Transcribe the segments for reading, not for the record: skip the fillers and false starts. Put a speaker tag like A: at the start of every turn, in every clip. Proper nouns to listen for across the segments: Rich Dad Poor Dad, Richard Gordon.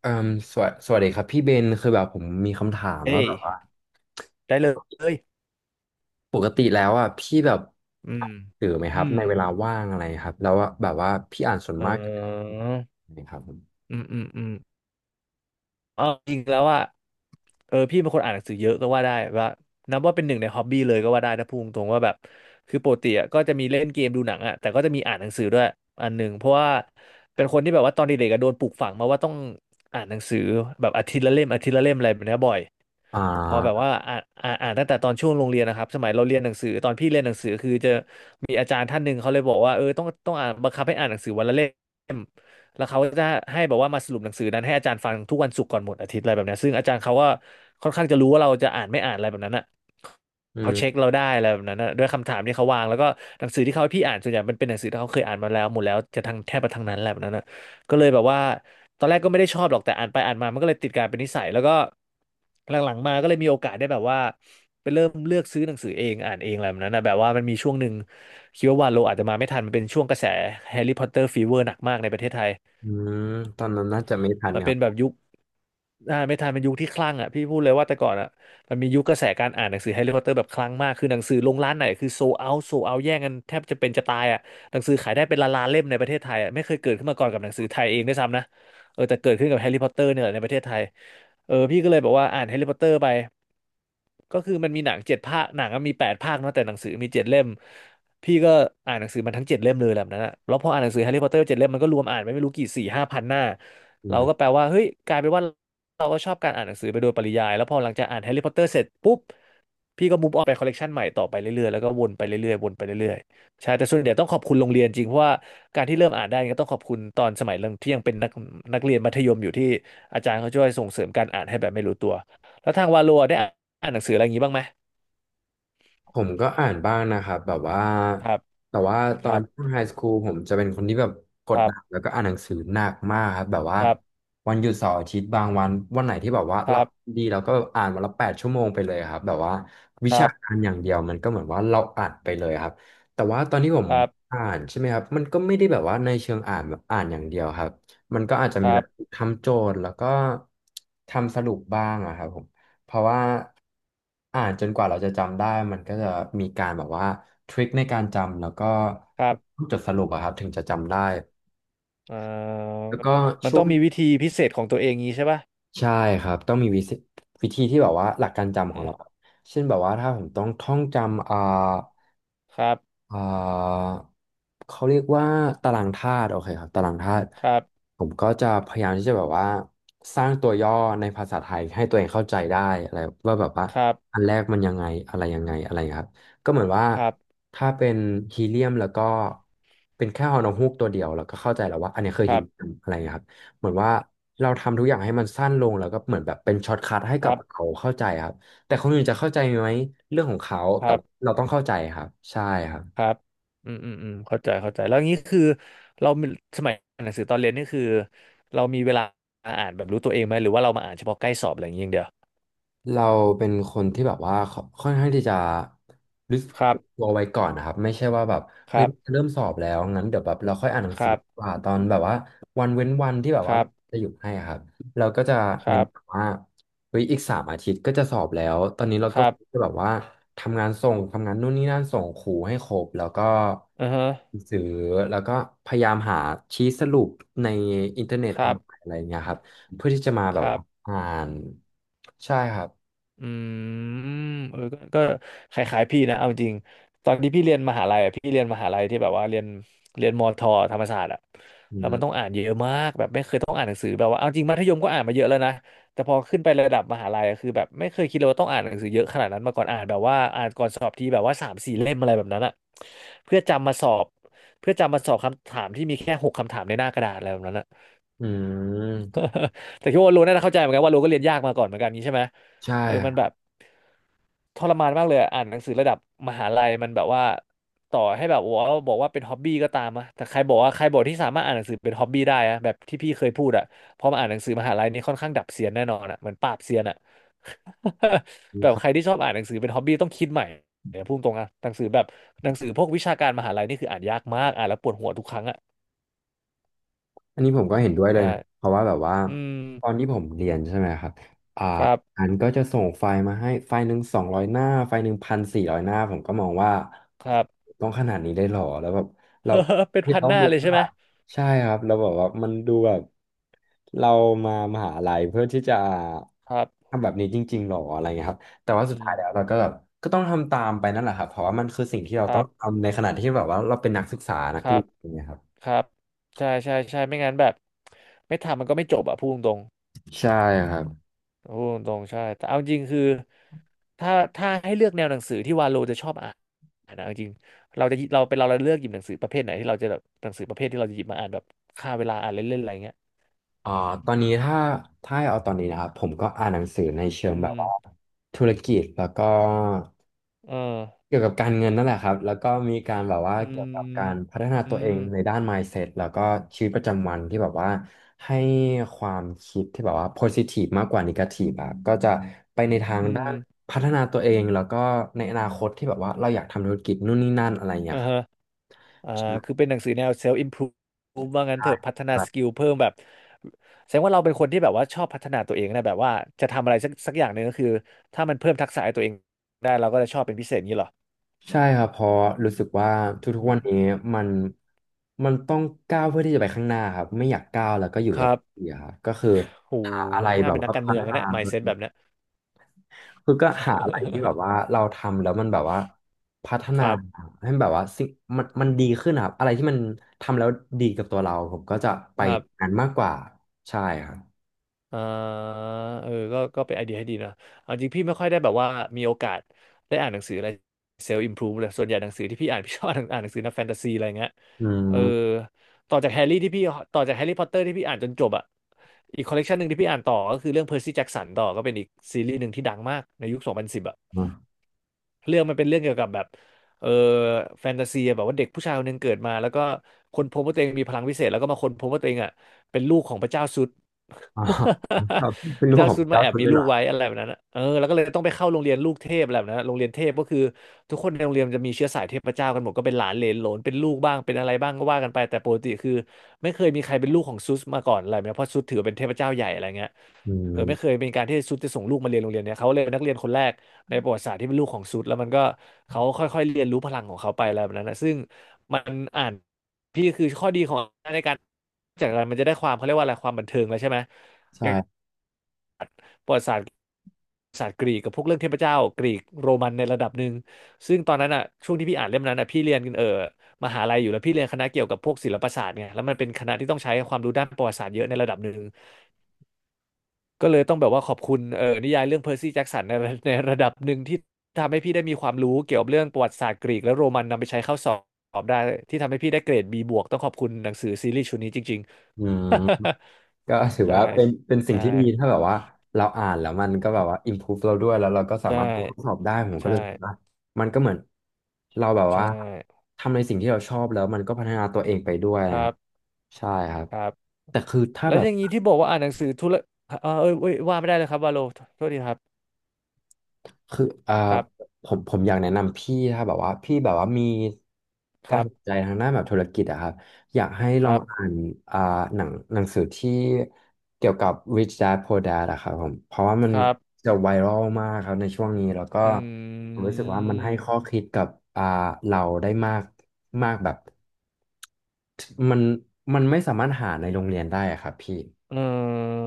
A: เอ่มสวัสดีครับพี่เบนคือแบบผมมีคำถามว่า
B: เอ้ย
A: แบบว่า
B: ได้เลย
A: ปกติแล้วอ่ะพี่แบบ
B: อืม
A: ตื่นไหมค
B: อื
A: รับ
B: ม
A: ในเวลาว่างอะไรครับแล้วว่าแบบว่าพี่อ่านส่วน
B: เอ
A: มาก
B: อ
A: นะครับผม
B: อืม อืม อืม เออจริงแล้วอ่ะเออพี่เป็นคนอ่านหนังสือเยอะก็ว่าได้ว่านับว่าเป็นหนึ่งในฮอบบี้เลยก็ว่าได้นะพูดตรงๆว่าแบบคือปกติอะก็จะมีเล่นเกมดูหนังอ่ะแต่ก็จะมีอ่านหนังสือด้วยอันหนึ่งเพราะว่าเป็นคนที่แบบว่าตอนเด็กๆอะโดนปลูกฝังมาว่าต้องอ่านหนังสือแบบอาทิตย์ละเล่มอาทิตย์ละเล่มอะไรแบบเนี้ยบ่อย
A: อ่
B: พอแบบ
A: า
B: ว่าอ่านอ่านอ่านตั้งแต่ตอนช่วงโรงเรียนนะครับสมัยเราเรียนหนังสือตอนพี่เรียนหนังสือคือจะมีอาจารย์ท่านหนึ่งเขาเลยบอกว่าเออต้องอ่านบังคับให้อ่านหนังสือวันละเล่ม แล้วเขาจะให้แบบว่ามาสรุปหนังสือนั้นให้อาจารย์ฟังทุกวันศุกร์ก่อนหมดอาทิตย์อะไรแบบเนี้ยซึ่งอาจารย์เขาก็ค่อนข้างจะรู้ว่าเราจะอ่านไม่อ่านอะไรแบบนั้นอ่ะ
A: อื
B: เขาเช็ค
A: ม
B: เราได้อะไรแบบนั้นอะด้วยคำถามที่เขาวางแล้วก็หนังสือที่เขาให้พี่อ่านส่วนใหญ่มันเป็นหนังสือที่เขาเคยอ่านมาแล้วหมดแล้วจะทั้งแทบจะทั้งนั้นแหละแบบนั้นอะก็เลยแบบว่าตอนแรกก็ไม่ได้ชอบหรอกแต่อ่านไปอ่านมามันก็เลยติดกลายเป็นนิสัยแล้วก็หลังๆมาก็เลยมีโอกาสได้แบบว่าไปเริ่มเลือกซื้อหนังสือเองอ่านเองอะไรแบบนั้นนะแบบว่ามันมีช่วงหนึ่งคิดว่าวาโลอาจจะมาไม่ทันมันเป็นช่วงกระแสแฮร์รี่พอตเตอร์ฟีเวอร์หนักมากในประเทศไทย
A: อืมตอนนั้นน่าจะไม่ทัน
B: มัน
A: ครั
B: เป็นแบบ
A: บ
B: ยุค อ่านไม่ทันเป็นยุคที่คลั่งอ่ะพี่พูดเลยว่าแต่ก่อนอ่ะมันมียุคกระแสการอ่านหนังสือแฮร์รี่พอตเตอร์แบบคลั่งมากคือหนังสือลงร้านไหนคือโซเอาโซเอาแย่งกันแทบจะเป็นจะตายอ่ะหนังสือขายได้เป็นล้านๆเล่มในประเทศไทยอ่ะไม่เคยเกิดขึ้นมาก่อนกับหนังสือไทยเองด้วยซ้ำนะเออแต่เกิดขึ้นกับแฮร์รี่พอตเตอร์เนี่ยแหละในประเทศไทยเออพี่ก็เลยบอกว่าอ่านแฮร์รี่พอตเตอร์ไปก็คือมันมีหนังเจ็ดภาคหนังอะมีแปดภาคเนาะแต่หนังสือมีเจ็ดเล่มพี่ก็อ่านหนังสือมันทั้งเจ็ดเล่มเลยแบบนั้นอะแล้วพออ่านหนังสือแฮร์รี่พอตเตอร์เจ็ดเล่มมันก็รวมอ่านไปไม่รู้กี่สี่ห้าพันหน้าเราก็แปลว่าเฮ้ยกลายเป็นว่า เราก็ชอบการอ่านหนังสือไปโดยปริยายแล้วพอหลังจากอ่านแฮร์รี่พอตเตอร์เสร็จปุ๊บพี่ก็มูฟออนไปคอลเลกชันใหม่ต่อไปเรื่อยๆแล้วก็วนไปเรื่อยๆวนไปเรื่อยๆใช่แต่ส่วนใหญ่ต้องขอบคุณโรงเรียนจริงเพราะว่าการที่เริ่มอ่านได้ก็ต้องขอบคุณตอนสมัยเรื่องที่ยังเป็นนักเรียนมัธยมอยู่ที่อาจารย์เขาช่วยส่งเสริมการอ่านให้แบบไม่รู้ตัวแล้วทางวาโลได้อ่านหนังสืออะไรอย่างนี้บ้างไหม
A: ผมก็อ่านบ้างนะครับแบบว่า
B: ครับ
A: แต่ว่าต
B: ค
A: อ
B: รั
A: น
B: บ
A: ช่วงไฮสคูลผมจะเป็นคนที่แบบก
B: ค
A: ด
B: รั
A: ดัน
B: บ
A: แล้วก็อ่านหนังสือหนักมากครับแบบว่า
B: ครับ
A: วันหยุดเสาร์อาทิตย์บางวันวันไหนที่แบบว่า
B: ค
A: เรา
B: รับ
A: ดีเราก็อ่านวันละ8 ชั่วโมงไปเลยครับแบบว่าวิ
B: ครั
A: ชากา
B: บ
A: รอย่างเดียวมันก็เหมือนว่าเราอ่านไปเลยครับแต่ว่าตอนที่ผม
B: ครับ
A: อ่านใช่ไหมครับมันก็ไม่ได้แบบว่าในเชิงอ่านแบบอ่านอย่างเดียวครับมันก็อาจจะ
B: ค
A: มี
B: รั
A: แบบ
B: บ
A: ทำโจทย์แล้วก็ทำสรุปบ้างอะครับผม เพราะว่าอ่านจนกว่าเราจะจำได้มันก็จะมีการแบบว่าทริคในการจำแล้วก็
B: ครับ
A: จดสรุปอะครับถึงจะจำได้
B: เอ่อ
A: แล้วก็
B: มัน
A: ช่ว
B: ต้อ
A: ง
B: งมีวิธีพิเศษของตัวเองงี้ใช่ป่ะ
A: ใช่ครับต้องมีวิธีวิธีที่แบบว่าหลักการจำของเราเช่นแบบว่าถ้าผมต้องท่องจำ
B: ครับ
A: อ่าเขาเรียกว่าตารางธาตุโอเคครับตารางธาตุ
B: ครับ
A: ผมก็จะพยายามที่จะแบบว่าสร้างตัวย่อในภาษาไทยให้ตัวเองเข้าใจได้อะไรว่าแบบว่า
B: ครับ
A: อันแรกมันยังไงอะไรยังไงอะไรครับก็เหมือนว่า
B: ครับ
A: ถ้าเป็นฮีเลียมแล้วก็เป็นแค่ฮอนูกตัวเดียวแล้วก็เข้าใจแล้วว่าอันนี้คื
B: ค
A: อ
B: รั
A: ฮี
B: บ
A: เลียมอะไรครับเหมือนว่าเราทำทุกอย่างให้มันสั้นลงแล้วก็เหมือนแบบเป็นช็อตคัทให้
B: ค
A: กั
B: รั
A: บ
B: บ
A: เขาเข้าใจครับแต่คนอื่นจะเข้าใจไหมเรื่องของเขา
B: ค
A: แต่
B: รับ
A: เราต้องเข้าใจครับใช่ครับ
B: ครับอืมอืมอืมเข้าใจเข้าใจแล้วงี้คือเรามีสมัยอ่านหนังสือตอนเรียนนี่คือเรามีเวลาอ่านแบบรู้ตัวเองไหม หรือว่าเรามาอ่านเฉพาะใกล้สอบอะไรอย่างเงี้ยอย่างเดียว
A: เราเป็นคนที่แบบว่าค่อนข้างที่จะรู้สึก
B: ครับ
A: ตัวไว้ก่อนนะครับไม่ใช่ว่าแบบ
B: ค
A: เฮ้ย
B: รับ
A: เริ่มสอบแล้วงั้นเดี๋ยวแบบเราค่อยอ่านหนัง
B: ค
A: สือ
B: รับ
A: ดีกว่าตอนแบบว่าวันเว้นวันที่แบบ
B: ค
A: ว่า
B: รับ
A: จะหยุดให้อะครับเราก็จะ
B: ค
A: เน้
B: รั
A: น
B: บ
A: แบบว่าเฮ้ยอีก3 อาทิตย์ก็จะสอบแล้วตอนนี้เรา
B: ค
A: ก็
B: รับค
A: จะ
B: รับ
A: แบบว่าทำงานส่งทำงานนู่นนี่นั่นส่งครูให้ครบแล้วก็
B: อือฮะ
A: ซื้อแล้วก็พยายามหาชี้สรุปในอินเทอร์เน็ต
B: ค
A: ออ
B: รั
A: น
B: บ
A: ไลน์อะไรอย่างเงี้ยครับเพื่อที่จะมาแบ
B: ค
A: บ
B: รั
A: ว่า
B: บ
A: อ่านใช่ครับ
B: อืมเออก็คล้ายๆพี่นะเอาจริงตอนที่พี่เรียนมหาลัยอะพี่เรียนมหาลัยที่แบบว่าเรียนมอทอธรรมศาสตร์อะ
A: อื
B: แล้วมันต้อง
A: ม
B: อ่านเยอะมากแบบไม่เคยต้องอ่านหนังสือแบบว่าเอาจริงมัธยมก็อ่านมาเยอะแล้วนะแต่พอขึ้นไประดับมหาลัยอะคือแบบไม่เคยคิดเลยว่าต้องอ่านหนังสือเยอะขนาดนั้นมาก่อนอ่านแบบว่าอ่านก่อนสอบทีแบบว่าสามสี่เล่มอะไรแบบนั้นอะเพื่อจำมาสอบเพื่อจำมาสอบคำถามที่มีแค่หกคำถามในหน้ากระดาษอะไรแบบนั้นอะ
A: อืม
B: แต่คิดว่าโลน่าจะเข้าใจเหมือนกันว่าโลก็เรียนยากมาก่อนเหมือนกันนี้ใช่ไหม
A: ใช่
B: มั
A: ค
B: น
A: รั
B: แบบ
A: บ
B: ทรมานมากเลยอะอ่านหนังสือระดับมหาลัยมันแบบว่าต่อให้แบบว่าบอกว่าเป็นฮ็อบบี้ก็ตามอะแต่ใครบอกว่าใครบอกที่สามารถอ่านหนังสือเป็นฮ็อบบี้ได้อะแบบที่พี่เคยพูดอะพอมาอ่านหนังสือมหาลัยนี่ค่อนข้างดับเซียนแน่นอนอะเหมือนปราบเซียนอะ แบบใครที่ชอบอ่านหนังสือเป็นฮ็อบบี้ต้องคิดใหม่เนี่ยพูดตรงอะหนังสือแบบหนังสือพวกวิชาการมหาลัยนี่คืออ่านยากมากอ่านแล้วปวดหัวทุกครั้งอะ
A: อันนี้ผมก็เห็นด้วยเลย
B: ใช่
A: นะเพราะว่าแบบว่า
B: อืม
A: ตอนที่ผมเรียนใช่ไหมครับอ่า
B: ครับ
A: อันก็จะส่งไฟล์มาให้ไฟล์หนึ่ง200 หน้าไฟล์1,400 หน้าผมก็มองว่า
B: ครับ
A: ต้องขนาดนี้ได้หรอแล้วแบบ เรา
B: เฮ้อเป็น
A: ที่
B: พัน
A: ต้อ
B: ห
A: ง
B: น้า
A: ดู
B: เลยใช่
A: ว่า
B: ไหม
A: ใช่ครับเราแบอกว่ามันดูแบบเรามามหาลัยเพื่อที่จะ
B: ครับ
A: ทำแบบนี้จริงๆหรออะไรเงี้ยครับแต่
B: อื
A: ว่าสุด
B: ม
A: ท้ายแล้วเราก็แบบก็ต้องทำตามไปนั่นแหละครับเพราะว่ามันคือสิ่งที่เรา
B: ค
A: ต้
B: รั
A: อง
B: บ
A: ทำในขณะที่แบบว่าเราเป็นนักศึกษานั
B: ค
A: ก
B: รั
A: เรีย
B: บ
A: นอย่างเงี้ยครับ
B: ครับ ใช่ใช่ใช่ไม่งั้นแบบไม่ทำมันก็ไม่จบอ่ะพูดตรง
A: ใช่ครับ
B: ๆพูดตรงๆใช่ แต่เอาจริงคือถ้าถ้าให้เลือกแนวหนังสือที่วาโลจะชอบอ่านนะเอาจริงเราจะเราเป็นเราเราเลือกหยิบหนังสือประเภทไหนที่เราจะแบบหนังสือประเภทที่เราจะหยิบมาอ่านแบบฆ่าเวลาอ่านเล่นๆอะไรเงี้ย
A: อ่าตอนนี้ถ้าถ้าให้เอาตอนนี้นะครับผมก็อ่านหนังสือในเชิง
B: อื
A: แบบว่า
B: ม
A: ธุรกิจแล้วก็
B: เออ
A: เกี่ยวกับการเงินนั่นแหละครับแล้วก็มีการแบบว่า
B: อื
A: เกี่ยวกับกา
B: ม
A: รพัฒนา
B: อื
A: ตัวเอง
B: ม
A: ในด้าน mindset แล้วก็ชีวิตประจำวันที่แบบว่าให้ความคิดที่แบบว่า positive มากกว่า negative อะก็จะไปในทาง
B: อื
A: ด้า
B: ม
A: นพัฒนาตัวเอง แล้วก็ในอนาคตที่แบบว่าเราอยากทำธุรกิจนู่นนี่นั่นอะไรอย่าง
B: เอ
A: เงี้ยครับ
B: อ อ่าคือเป็นหนังสือแนว self improve ว่างั้
A: ใช
B: นเถอะพัฒนาส
A: ่
B: กิลเพิ่มแบบ แสดงว่าเราเป็นคนที่แบบว่าชอบพัฒนาตัวเองนะ แบบว่าจะทำอะไรสักอย่างหนึ่งก็คือถ้ามันเพิ่มทักษะให้ตัวเองได้เราก็จะชอบเป็นพิเศษอย่างนี้เหรอ
A: ใช่ครับเพราะรู้สึกว่าทุก
B: อื
A: ๆวัน
B: ม
A: นี้มันมันต้องก้าวเพื่อที่จะไปข้างหน้าครับไม่อยากก้าวแล้วก็อยู่
B: ค
A: กับ
B: รับ
A: ที่อะครับก็คือ
B: โห
A: หาอะไร
B: น่า
A: แบบ
B: เป็นนั
A: ว่า
B: กการ
A: พั
B: เมือ
A: ฒ
B: งนะ
A: นา
B: เนี่ย
A: ตัว
B: mindset
A: เอ
B: แบ
A: ง
B: บเนี้ย
A: คือก็หาอะไรที่แบบว่า เราทำแล้วมันแบบว่าพัฒ
B: ค
A: นา
B: รับ
A: ให้แบบว่ามันดีขึ้นนะครับอะไรที่มันทำแล้วดีกับตัวเราผมก็จะไป
B: ครับ
A: นั้นมากกว่าใช่ครับ
B: อ่าก็เป็นไอเดียให้ดีนะเอาจริงพี่ไม่ค่อยได้แบบว่ามีโอกาสได้อ่านหนังสืออะไรเซลล์อิมพรูฟเลยส่วนใหญ่หนังสือที่พี่อ่านพี่ชอบอ่าน อ่านหนังสือแนวแฟนตาซีอะไรเงี้ย
A: อื
B: เอ
A: ม
B: อต่อจากแฮร์รี่ที่พี่ต่อจากแฮร์รี่พอตเตอร์ที่พี่อ่านจนจบอ่ะอีกคอลเลกชันหนึ่งที่พี่อ่านต่อก็คือเรื่องเพอร์ซี่แจ็กสันต่อก็เป็นอีกซีรีส์หนึ่งที่ดังมากในยุค2010อ่ะ เรื่องมันเป็นเรื่องเกี่ยวกับแบบเออแฟนตาซีอะแบบว่าเด็กผู้ชายคนหนึงเกิดมาแล้วก็ค้นพบว่าตัวเองมีพลังวิเศษแล้วก็มาค้นพบว่าตัวเองอ่ะเป็นลูกของพระเจ้าซุด
A: อ๋อครับ เป็น
B: พ
A: รู
B: ระ
A: ป
B: เจ้า
A: ของ
B: ซุดมา
A: ก้าว
B: แอบ
A: สุด
B: มี
A: เลย
B: ลู
A: เหรอ
B: กไว้อะไรแบบนั้นอะเออแล้วก็เลยต้องไปเข้าโรงเรียนลูกเทพอะไรแบบนั้นอะโรงเรียนเทพก็คือทุกคนในโรงเรียนจะมีเชื้อสายเทพเจ้ากันหมดก็เป็นหลานเหลนโหลนเป็นลูกบ้างเป็นอะไรบ้างก็ว่ากันไปแต่ปกติคือไม่เคยมีใครเป็นลูกของซุสมาก่อนอะไรแบบเนี้ยเพราะซุสถือว่าเป็นเทพเจ้าใหญ่อะไรเงี้ย
A: อื
B: เออไม่เคย
A: ม
B: เป็นการที่ซุสจะส่งลูกมาเรียนโรงเรียนเนี้ยเขาเลยเป็นนักเรียนคนแรก ในประวัติศาสตร์ที่เป็นลูกของซุดแล้วมันก็เขาค่อยๆเรียนรู้พลังของเขาไปอะไรแบบนั้นนะซึ่งมันอ่านพี่คือข้อดีของในการจากอะไรมันจะได้ความเขาเรียกว่าอะไรความบันเทิงแล้วใช่ไหมอย่าง
A: ใช่
B: ประวัติศาสตร์ศาสตร์กรีกกับพวกเรื่องเทพเจ้ากรีกโรมันในระดับหนึ่งซึ่งตอนนั้นอ่ะช่วงที่พี่อ่านเล่มนั้นอ่ะพี่เรียนมหาลัยอยู่แล้วพี่เรียนคณะเกี่ยวกับพวกศิลปศาสตร์ไงแล้วมันเป็นคณะที่ต้องใช้ความรู้ด้านประวัติศาสตร์เยอะในระดับหนึ่ง ก็เลยต้องแบบว่าขอบคุณเออนิยายเรื่องเพอร์ซี่แจ็กสันใน ในระดับหนึ่งที่ทำให้พี่ได้มีความรู้เกี่ยวกับเรื่องประวัติศาสตร์กรีกและโรมันนำไปใช้เข้าสอบได้ที่ทำให้พี่ได้เกรด B บวกต้องขอบคุณหนังสือซีรีส์ชุดนี้จริง
A: อืม
B: ๆ
A: ก็ถือ
B: ใช่
A: ว่าเป็นเป็น
B: ใ
A: สิ่งที่ดี
B: ช่
A: ถ้าแบบว่าเราอ่านแล้วมันก็แบบว่า improve เราด้วยแล้วเราก็สา
B: ใช่
A: มารถทดสอบได้ผมก็
B: ใช่
A: เลยคิดว่ามันก็เหมือนเราแบบ
B: ใช
A: ว่า
B: ่
A: ทำในสิ่งที่เราชอบแล้วมันก็พัฒนาตัวเองไปด้วย
B: ค
A: นะค
B: รั
A: รับ
B: บ
A: ใช่ครับ
B: ครับ
A: แต่คือถ้า
B: แล้ว
A: แบ
B: อ
A: บ
B: ย่างนี้ที่บอกว่าอ่านหนังสือธุระเออเอ้ยว่าไม่ได้เลยครับวาโลโทษทีครับ
A: คือ
B: ครับ
A: ผมอยากแนะนำพี่ถ้าแบบว่าพี่แบบว่ามี
B: ค
A: การ
B: รับ
A: สนใจทางด้านแบบธุรกิจอะครับอยากให้
B: ค
A: ลอง
B: รับ
A: อ่านอ่าหนังสือที่เกี่ยวกับ Rich Dad Poor Dad อะครับผมเพราะว่ามัน
B: ครับ
A: จะไวรัลมากครับในช่วงนี้แล้วก็
B: อื
A: ผมรู้สึกว่ามันให้ข้อ
B: ม
A: คิดกับอ่าเราได้มากมากแบบมันมันไม่สามารถหาในโรงเรียนได้อะครับพี่
B: เออ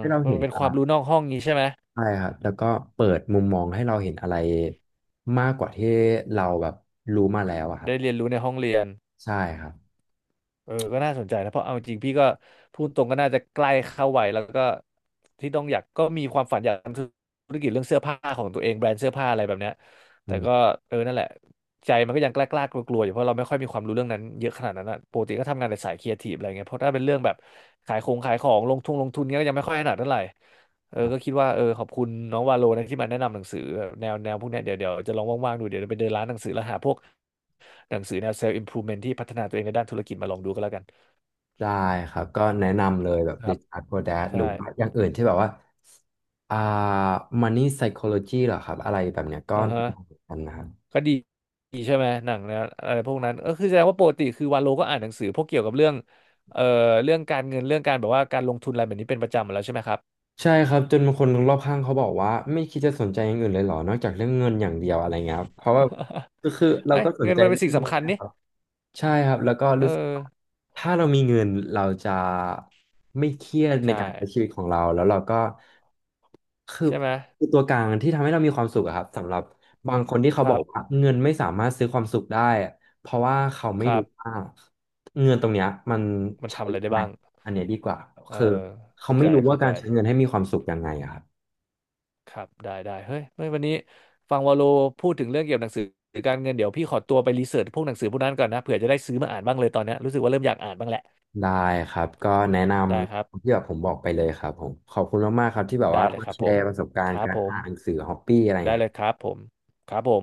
A: ให้เรา
B: มั
A: เห็
B: น
A: น
B: เป็นความรู้นอกห้องนี้ใช่ไหม
A: ใช่ครับแล้วก็เปิดมุมมองให้เราเห็นอะไรมากกว่าที่เราแบบรู้มาแล้วอะครับ
B: ได้เรียนรู้ในห้องเรียน
A: ใช่ครับ
B: เออก็น่าสนใจนะเพราะเอาจริงพี่ก็พูดตรงก็น่าจะใกล้เข้าวัยแล้วก็ที่ต้องอยากก็มีความฝันอยากทำธุรกิจเรื่องเสื้อผ้าของตัวเองแบรนด์เสื้อผ้าอะไรแบบเนี้ย
A: อื
B: แต่ก็
A: ม
B: เออนั่นแหละใจมันก็ยังกล้ากลัวกลัวๆอยู่เพราะเราไม่ค่อยมีความรู้เรื่องนั้นเยอะขนาดนั้นอะปกติก็ทำงานในสายครีเอทีฟอะไรเงี้ยเพราะถ้าเป็นเรื่องแบบขายของลงทุนเงี้ยก็ยังไม่ค่อยถนัดเท่าไหร่เออ
A: ครับ
B: ก็คิดว่าเออขอบคุณน้องวาโลนะที่มาแนะนำหนังสือแบบแนวพวกเนี้ยเดี๋ยวจะลองว่างๆดูเดี๋ยวจะไปเดินร้านหนังสือแล้วหาพวก หนังสือแนว self improvement ที่พัฒนาตัวเองในด้านธุรกิจมาลองดูก็แล้วกัน
A: ได้ครับก็แนะนำเลยแบบ
B: ครับ
A: Richard Gordon หรือ
B: ใช่
A: ว่าอย่างอื่นที่แบบว่าอ่า Money Psychology เหรอครับอะไรแบบเนี้ยก็
B: อ่า
A: แนะ
B: ฮะ
A: นำเหมือนกันนะครับ
B: ก็ดีดีใช่ไหมหนังแนวอะไรพวกนั้นก็คือแสดงว่าปกติคือวาโลก็อ่านหนังสือพวกเกี่ยวกับเรื่องเอ่อเรื่องการเงินเรื่องการแบบว่าการลงทุนอะไรแบบนี้เป็นประจำอยู่แล้วใช่ไหมครับ
A: ใช่ครับจนบางคนรอบข้างเขาบอกว่าไม่คิดจะสนใจอย่างอื่นเลยเหรอนอกจากเรื่องเงินอย่างเดียวอะไรเงี้ยครับเพราะว่าก็คือ เรา
B: ไอ้ ย
A: ก็สน
B: เงิน
A: ใจ
B: มันเป็น
A: เรื่อ
B: สิ่
A: ง
B: ง
A: เงิ
B: สำ
A: น
B: คัญ
A: นะ
B: นี่
A: ครับ ใช่ครับแล้วก็
B: เอ
A: รู้สึก
B: อ
A: ว่าถ้าเรามีเงินเราจะไม่เครียดใน
B: ใช่
A: การใช้ชีวิตของเราแล้วเราก็คือ
B: ใช่ไหม
A: คือตัวกลางที่ทำให้เรามีความสุขอะครับสำหรับบางคนที่เขา
B: ค
A: บอ
B: รั
A: ก
B: บ
A: ว่าเงินไม่สามารถซื้อความสุขได้เพราะว่าเขาไม่
B: ครั
A: รู้
B: บ
A: ว่าเงินตรงเนี้ยมัน
B: มัน
A: ใช้
B: ทำอะไร
A: ยัง
B: ได้
A: ไง
B: บ้าง
A: อันเนี้ยดีกว่า
B: เออ
A: คือเขา
B: เข้าใจ
A: ไม่รู้ว่า
B: เข้า
A: กา
B: ใจ
A: รใช้เงินให้มีความสุขยังไงอะครับ
B: ครับได้ได้เฮ้ยวันนี้ฟังวาโลพูดถึงเรื่องเกี่ยวกับหนังสือการเงินเดี๋ยวพี่ขอตัวไปรีเสิร์ชพวกหนังสือพวกนั้นก่อนนะเผื่อจะได้ซื้อมาอ่านบ้างเลยตอนเนี้ยรู้สึกว่าเริ่มอยากอ่านบ้างแหละ
A: ได้ครับก็แนะน
B: ได้ครับ
A: ำที่แบบผมบอกไปเลยครับผมขอบคุณมากๆครับที่แบบ
B: ได้
A: ว่า
B: เลย
A: มา
B: ครับ
A: แช
B: ผม
A: ร์ประสบกา
B: ค
A: รณ์
B: รับ
A: การ
B: ผม
A: อ่านหนังสือฮอปปี้อะไรอย่าง
B: ได้
A: เงี้ย
B: เลยครับผมครับผม